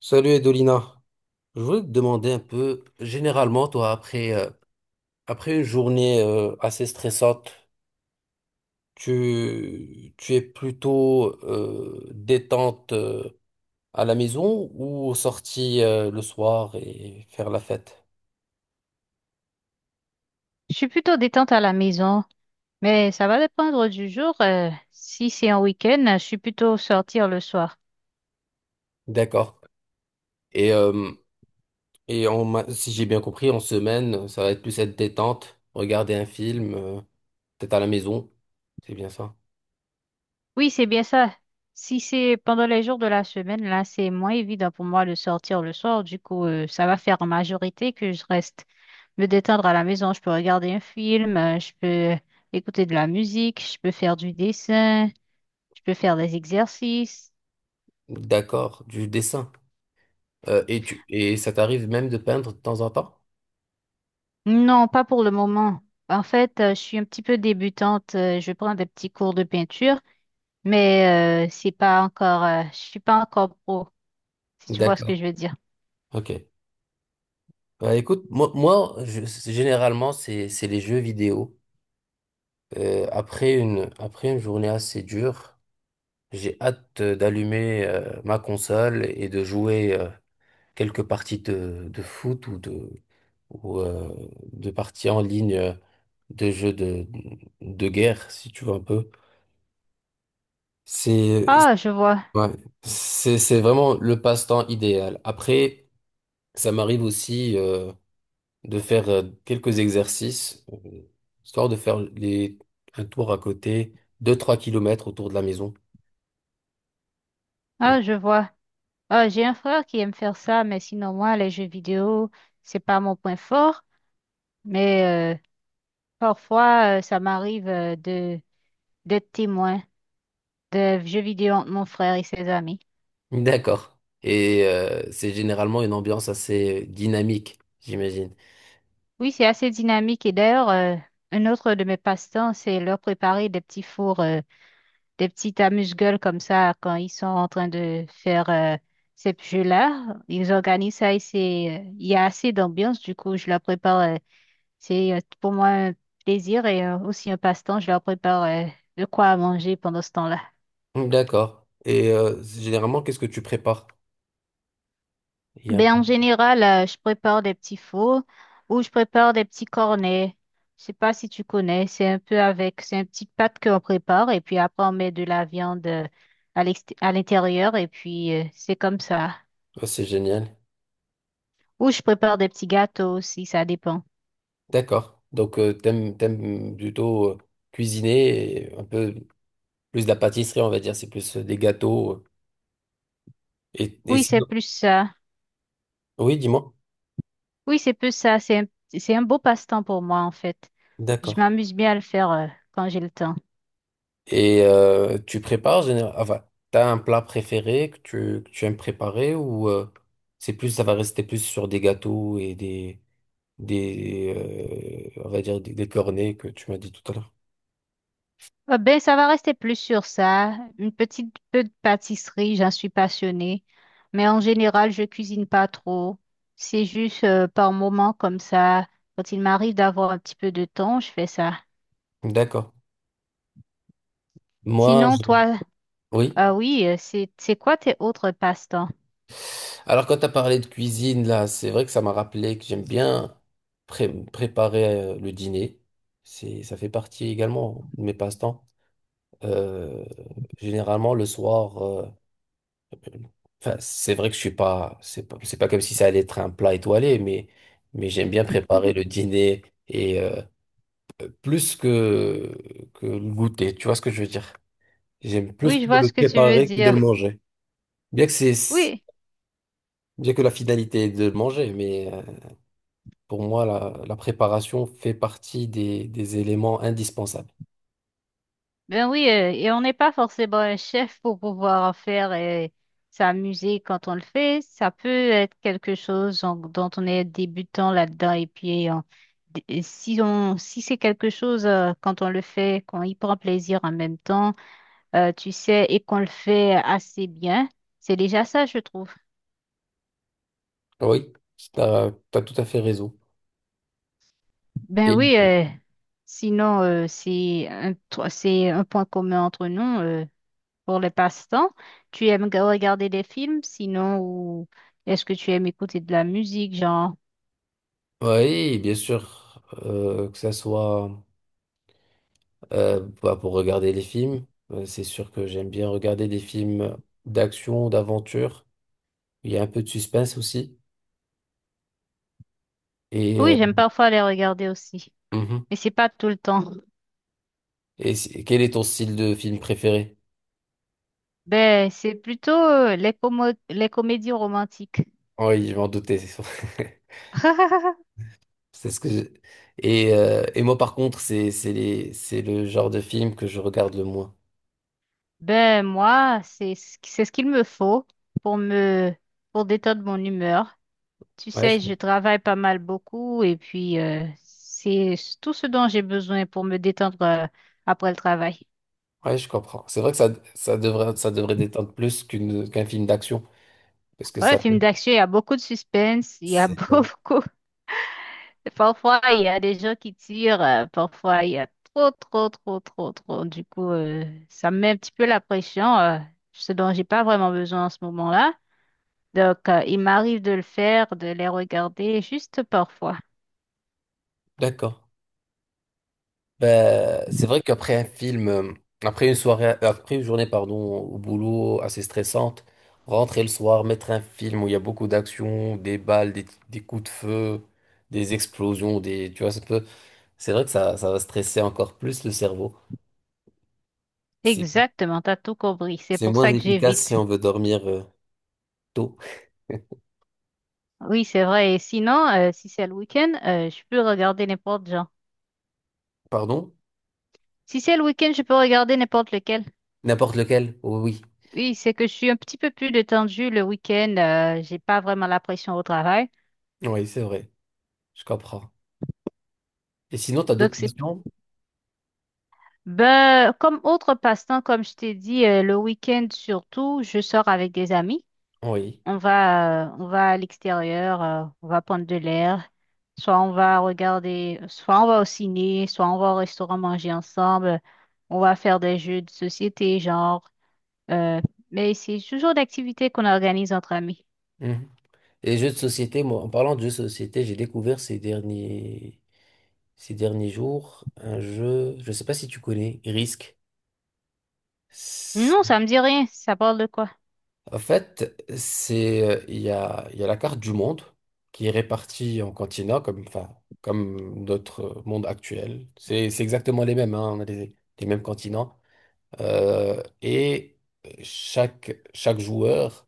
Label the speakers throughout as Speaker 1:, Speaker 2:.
Speaker 1: Salut Edolina, je voulais te demander un peu, généralement, toi, après une journée assez stressante, tu es plutôt détente à la maison ou sortie le soir et faire la fête?
Speaker 2: Je suis plutôt détente à la maison, mais ça va dépendre du jour. Si c'est un week-end, je suis plutôt sortir le soir.
Speaker 1: D'accord. Et, euh, Si j'ai bien compris, en semaine, ça va être plus cette détente, regarder un film, peut-être à la maison. C'est bien ça.
Speaker 2: Oui, c'est bien ça. Si c'est pendant les jours de la semaine, là, c'est moins évident pour moi de sortir le soir. Du coup, ça va faire en majorité que je reste me détendre à la maison. Je peux regarder un film, je peux écouter de la musique, je peux faire du dessin, je peux faire des exercices.
Speaker 1: D'accord, du dessin. Et tu et Ça t'arrive même de peindre de temps en temps?
Speaker 2: Non, pas pour le moment. En fait, je suis un petit peu débutante. Je prends des petits cours de peinture, mais c'est pas encore, je suis pas encore pro, si tu vois ce que
Speaker 1: D'accord,
Speaker 2: je veux dire.
Speaker 1: ok. Bah, écoute, généralement, c'est les jeux vidéo. Après une journée assez dure, j'ai hâte d'allumer ma console et de jouer, quelques parties de foot ou de parties en ligne de jeux de guerre, si tu veux un peu. C'est
Speaker 2: Ah, je vois,
Speaker 1: Ouais, c'est vraiment le passe-temps idéal. Après, ça m'arrive aussi de faire quelques exercices, histoire de faire un tour à côté, deux trois kilomètres autour de la maison.
Speaker 2: ah, je vois. Ah, j'ai un frère qui aime faire ça, mais sinon moi, les jeux vidéo, c'est pas mon point fort, mais euh, parfois, ça m'arrive de d'être témoin de jeux vidéo entre mon frère et ses amis.
Speaker 1: D'accord. Et c'est généralement une ambiance assez dynamique, j'imagine.
Speaker 2: Oui, c'est assez dynamique et d'ailleurs, un autre de mes passe-temps, c'est leur préparer des petits fours. Des petites amuse-gueules comme ça quand ils sont en train de faire ces jeux-là. Ils organisent ça et c'est, il y a assez d'ambiance. Du coup, je leur prépare. C'est pour moi un plaisir et aussi un passe-temps. Je leur prépare de quoi à manger pendant ce temps-là.
Speaker 1: D'accord. Et généralement, qu'est-ce que tu prépares? Il y a un peu-
Speaker 2: Ben, en général, je prépare des petits fours ou je prépare des petits cornets. Je sais pas si tu connais, c'est un peu avec, c'est une petite pâte qu'on prépare et puis après on met de la viande à à l'intérieur et puis c'est comme ça.
Speaker 1: Oh, c'est génial.
Speaker 2: Ou je prépare des petits gâteaux aussi, ça dépend.
Speaker 1: D'accord. Donc, t'aimes plutôt cuisiner et un peu plus de la pâtisserie, on va dire. C'est plus des gâteaux. Et
Speaker 2: Oui, c'est
Speaker 1: sinon.
Speaker 2: plus ça.
Speaker 1: Oui, dis-moi.
Speaker 2: Oui, c'est plus ça. C'est un beau passe-temps pour moi, en fait. Je
Speaker 1: D'accord.
Speaker 2: m'amuse bien à le faire quand j'ai le temps.
Speaker 1: Et tu prépares généralement. Enfin, t'as un plat préféré que tu aimes préparer ou c'est plus, ça va rester plus sur des gâteaux et des on va dire, des cornets que tu m'as dit tout à l'heure.
Speaker 2: Ah ben, ça va rester plus sur ça. Une petite peu de pâtisserie, j'en suis passionnée. Mais en général, je cuisine pas trop. C'est juste par moments comme ça. Quand il m'arrive d'avoir un petit peu de temps, je fais ça.
Speaker 1: D'accord. Moi,
Speaker 2: Sinon,
Speaker 1: je-
Speaker 2: toi,
Speaker 1: oui.
Speaker 2: ah oui, c'est quoi tes autres passe-temps?
Speaker 1: Alors quand tu as parlé de cuisine, là, c'est vrai que ça m'a rappelé que j'aime bien préparer le dîner. Ça fait partie également de mes passe-temps. Euh, Généralement, le soir, enfin, c'est vrai que je suis pas, c'est pas, c'est pas comme si ça allait être un plat étoilé, mais j'aime bien préparer
Speaker 2: Mhm.
Speaker 1: le dîner et plus que le goûter. Tu vois ce que je veux dire? J'aime plus
Speaker 2: Oui, je vois
Speaker 1: le
Speaker 2: ce que tu veux
Speaker 1: préparer que de le
Speaker 2: dire.
Speaker 1: manger. Bien que c'est,
Speaker 2: Oui.
Speaker 1: Bien que la finalité est de le manger, mais, pour moi, la préparation fait partie des éléments indispensables.
Speaker 2: Ben oui, et on n'est pas forcément un chef pour pouvoir en faire sa musique quand on le fait. Ça peut être quelque chose dont on est débutant là-dedans. Et puis, et si on, si c'est quelque chose quand on le fait, qu'on y prend plaisir en même temps, tu sais, et qu'on le fait assez bien, c'est déjà ça, je trouve.
Speaker 1: Oui, tu as tout à fait raison.
Speaker 2: Ben
Speaker 1: Et
Speaker 2: oui, sinon, c'est un, c'est un point commun entre nous. Pour les passe-temps? Tu aimes regarder des films, sinon, ou est-ce que tu aimes écouter de la musique, genre?
Speaker 1: oui, bien sûr, que ça soit bah, pour regarder les films, c'est sûr que j'aime bien regarder des films d'action, d'aventure. Il y a un peu de suspense aussi. Et euh,
Speaker 2: Oui, j'aime parfois les regarder aussi,
Speaker 1: mhm.
Speaker 2: mais c'est pas tout le temps.
Speaker 1: Quel est ton style de film préféré?
Speaker 2: Ben, c'est plutôt les les comédies romantiques.
Speaker 1: Oh oui, je m'en doutais. C'est ce que je- Et moi, par contre, c'est le genre de film que je regarde le moins.
Speaker 2: Ben, moi, c'est ce c'est ce qu'il me faut pour me pour détendre mon humeur. Tu
Speaker 1: Ouais, je,
Speaker 2: sais, je
Speaker 1: com-
Speaker 2: travaille pas mal beaucoup et puis c'est tout ce dont j'ai besoin pour me détendre après le travail.
Speaker 1: ouais, je comprends. C'est vrai que ça devrait détendre plus qu'un film d'action. Parce que
Speaker 2: Ouais,
Speaker 1: ça.
Speaker 2: film d'action, il y a beaucoup de suspense, il y a
Speaker 1: C'est ça.
Speaker 2: beaucoup. Parfois, il y a des gens qui tirent, parfois, il y a trop, trop, trop, trop, trop. Du coup, ça me met un petit peu la pression, ce dont j'ai pas vraiment besoin en ce moment-là. Donc, il m'arrive de le faire, de les regarder juste parfois.
Speaker 1: D'accord. Ben, c'est vrai qu'après un film, après une soirée, après une journée, pardon, au boulot assez stressante, rentrer le soir, mettre un film où il y a beaucoup d'action, des balles, des coups de feu, des explosions, des, tu vois, ça peut, c'est vrai que ça va stresser encore plus le cerveau. C'est,
Speaker 2: Exactement, t'as tout compris. C'est
Speaker 1: c'est
Speaker 2: pour
Speaker 1: moins
Speaker 2: ça que
Speaker 1: efficace si
Speaker 2: j'évite.
Speaker 1: on veut dormir tôt.
Speaker 2: Oui, c'est vrai. Et sinon, si c'est le week-end, je peux regarder n'importe genre.
Speaker 1: Pardon?
Speaker 2: Si c'est le week-end, je peux regarder n'importe lequel.
Speaker 1: N'importe lequel? Oui,
Speaker 2: Oui, c'est que je suis un petit peu plus détendue le week-end. J'ai pas vraiment la pression au travail.
Speaker 1: oui, c'est vrai, je comprends. Et sinon, t'as
Speaker 2: Donc,
Speaker 1: d'autres
Speaker 2: c'est,
Speaker 1: questions?
Speaker 2: ben, comme autre passe-temps, comme je t'ai dit, le week-end surtout, je sors avec des amis.
Speaker 1: Oui.
Speaker 2: On va à l'extérieur, on va prendre de l'air. Soit on va regarder, soit on va au ciné, soit on va au restaurant manger ensemble. On va faire des jeux de société, genre. euh, mais c'est toujours d'activités qu'on organise entre amis.
Speaker 1: Et jeux de société, moi, en parlant de jeux de société, j'ai découvert ces derniers jours un jeu, je ne sais pas si tu connais, Risk.
Speaker 2: Non,
Speaker 1: C'est-
Speaker 2: ça me dit rien. Ça parle de quoi?
Speaker 1: En fait, c'est, il y a la carte du monde qui est répartie en continents, comme, enfin, comme notre monde actuel. C'est exactement les mêmes, hein, on a les mêmes continents. Et chaque joueur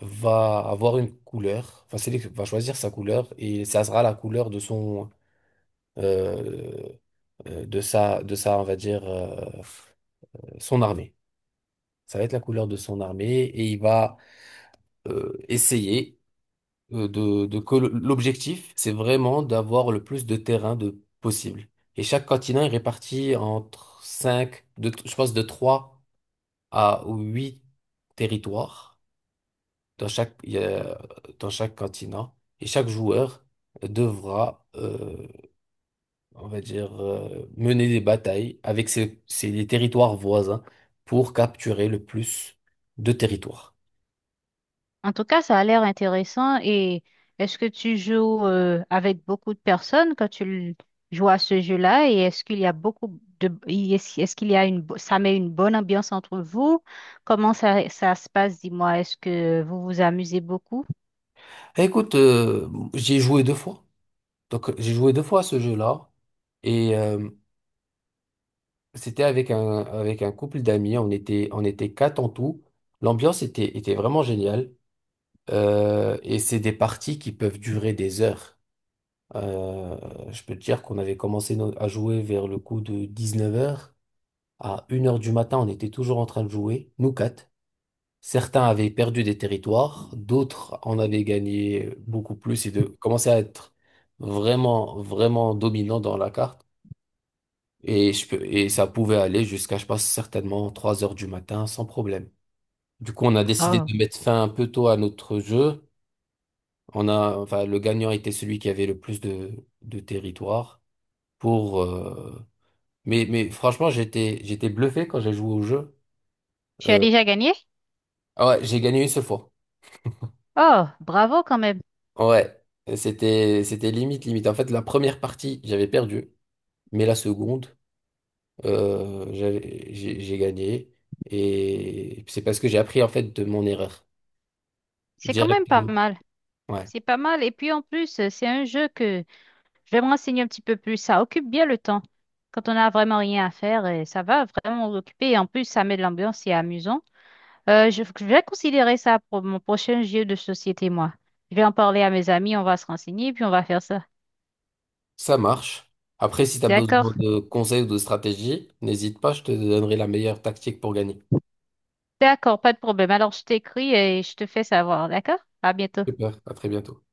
Speaker 1: va avoir une couleur, enfin, c'est lui qui va choisir sa couleur et ça sera la couleur de son euh, on va dire, son armée. Ça va être la couleur de son armée et il va essayer l'objectif, c'est vraiment d'avoir le plus de terrain de possible. Et chaque continent est réparti entre je pense de 3 à 8 territoires dans chaque, il y a- dans chaque continent. Et chaque joueur devra on va dire, mener des batailles avec ces territoires voisins pour capturer le plus de territoires.
Speaker 2: En tout cas, ça a l'air intéressant. Et est-ce que tu joues avec beaucoup de personnes quand joues à ce jeu-là? Et est-ce qu'il y a beaucoup de... Est-ce qu'il y a une... Ça met une bonne ambiance entre vous? Comment ça, ça se passe? Dis-moi, est-ce que vous vous amusez beaucoup?
Speaker 1: Écoute, j'ai joué deux fois. Donc, j'ai joué deux fois à ce jeu-là. Et c'était avec un couple d'amis. On était quatre en tout. L'ambiance était vraiment géniale. Et c'est des parties qui peuvent durer des heures. Euh, je peux te dire qu'on avait commencé à jouer vers le coup de 19h. À 1h du matin, on était toujours en train de jouer, nous quatre. Certains avaient perdu des territoires, d'autres en avaient gagné beaucoup plus et de commençaient à être vraiment, vraiment dominants dans la carte. Et ça pouvait aller jusqu'à, je pense, certainement 3h du matin sans problème. Du coup, on a décidé
Speaker 2: Oh,
Speaker 1: de mettre fin un peu tôt à notre jeu. On a, enfin, le gagnant était celui qui avait le plus de territoire pour, euh, mais franchement, j'étais bluffé quand j'ai joué au jeu.
Speaker 2: tu as
Speaker 1: Euh,
Speaker 2: déjà gagné?
Speaker 1: ouais, j'ai gagné une seule fois.
Speaker 2: Oh, bravo quand même.
Speaker 1: Ouais, c'était limite limite. En fait, la première partie, j'avais perdu, mais la seconde, j'ai gagné et c'est parce que j'ai appris en fait de mon erreur
Speaker 2: C'est quand même pas
Speaker 1: directement.
Speaker 2: mal.
Speaker 1: Ouais,
Speaker 2: C'est pas mal. Et puis en plus, c'est un jeu que... Je vais me renseigner un petit peu plus. Ça occupe bien le temps. Quand on n'a vraiment rien à faire, et ça va vraiment nous occuper. Et en plus, ça met de l'ambiance, c'est amusant. Je vais considérer ça pour mon prochain jeu de société, moi. Je vais en parler à mes amis, on va se renseigner, puis on va faire ça.
Speaker 1: ça marche. Après, si tu as besoin
Speaker 2: D'accord?
Speaker 1: de conseils ou de stratégie, n'hésite pas, je te donnerai la meilleure tactique pour gagner.
Speaker 2: D'accord, pas de problème. Alors, je t'écris et je te fais savoir. D'accord? À bientôt.
Speaker 1: Super, à très bientôt.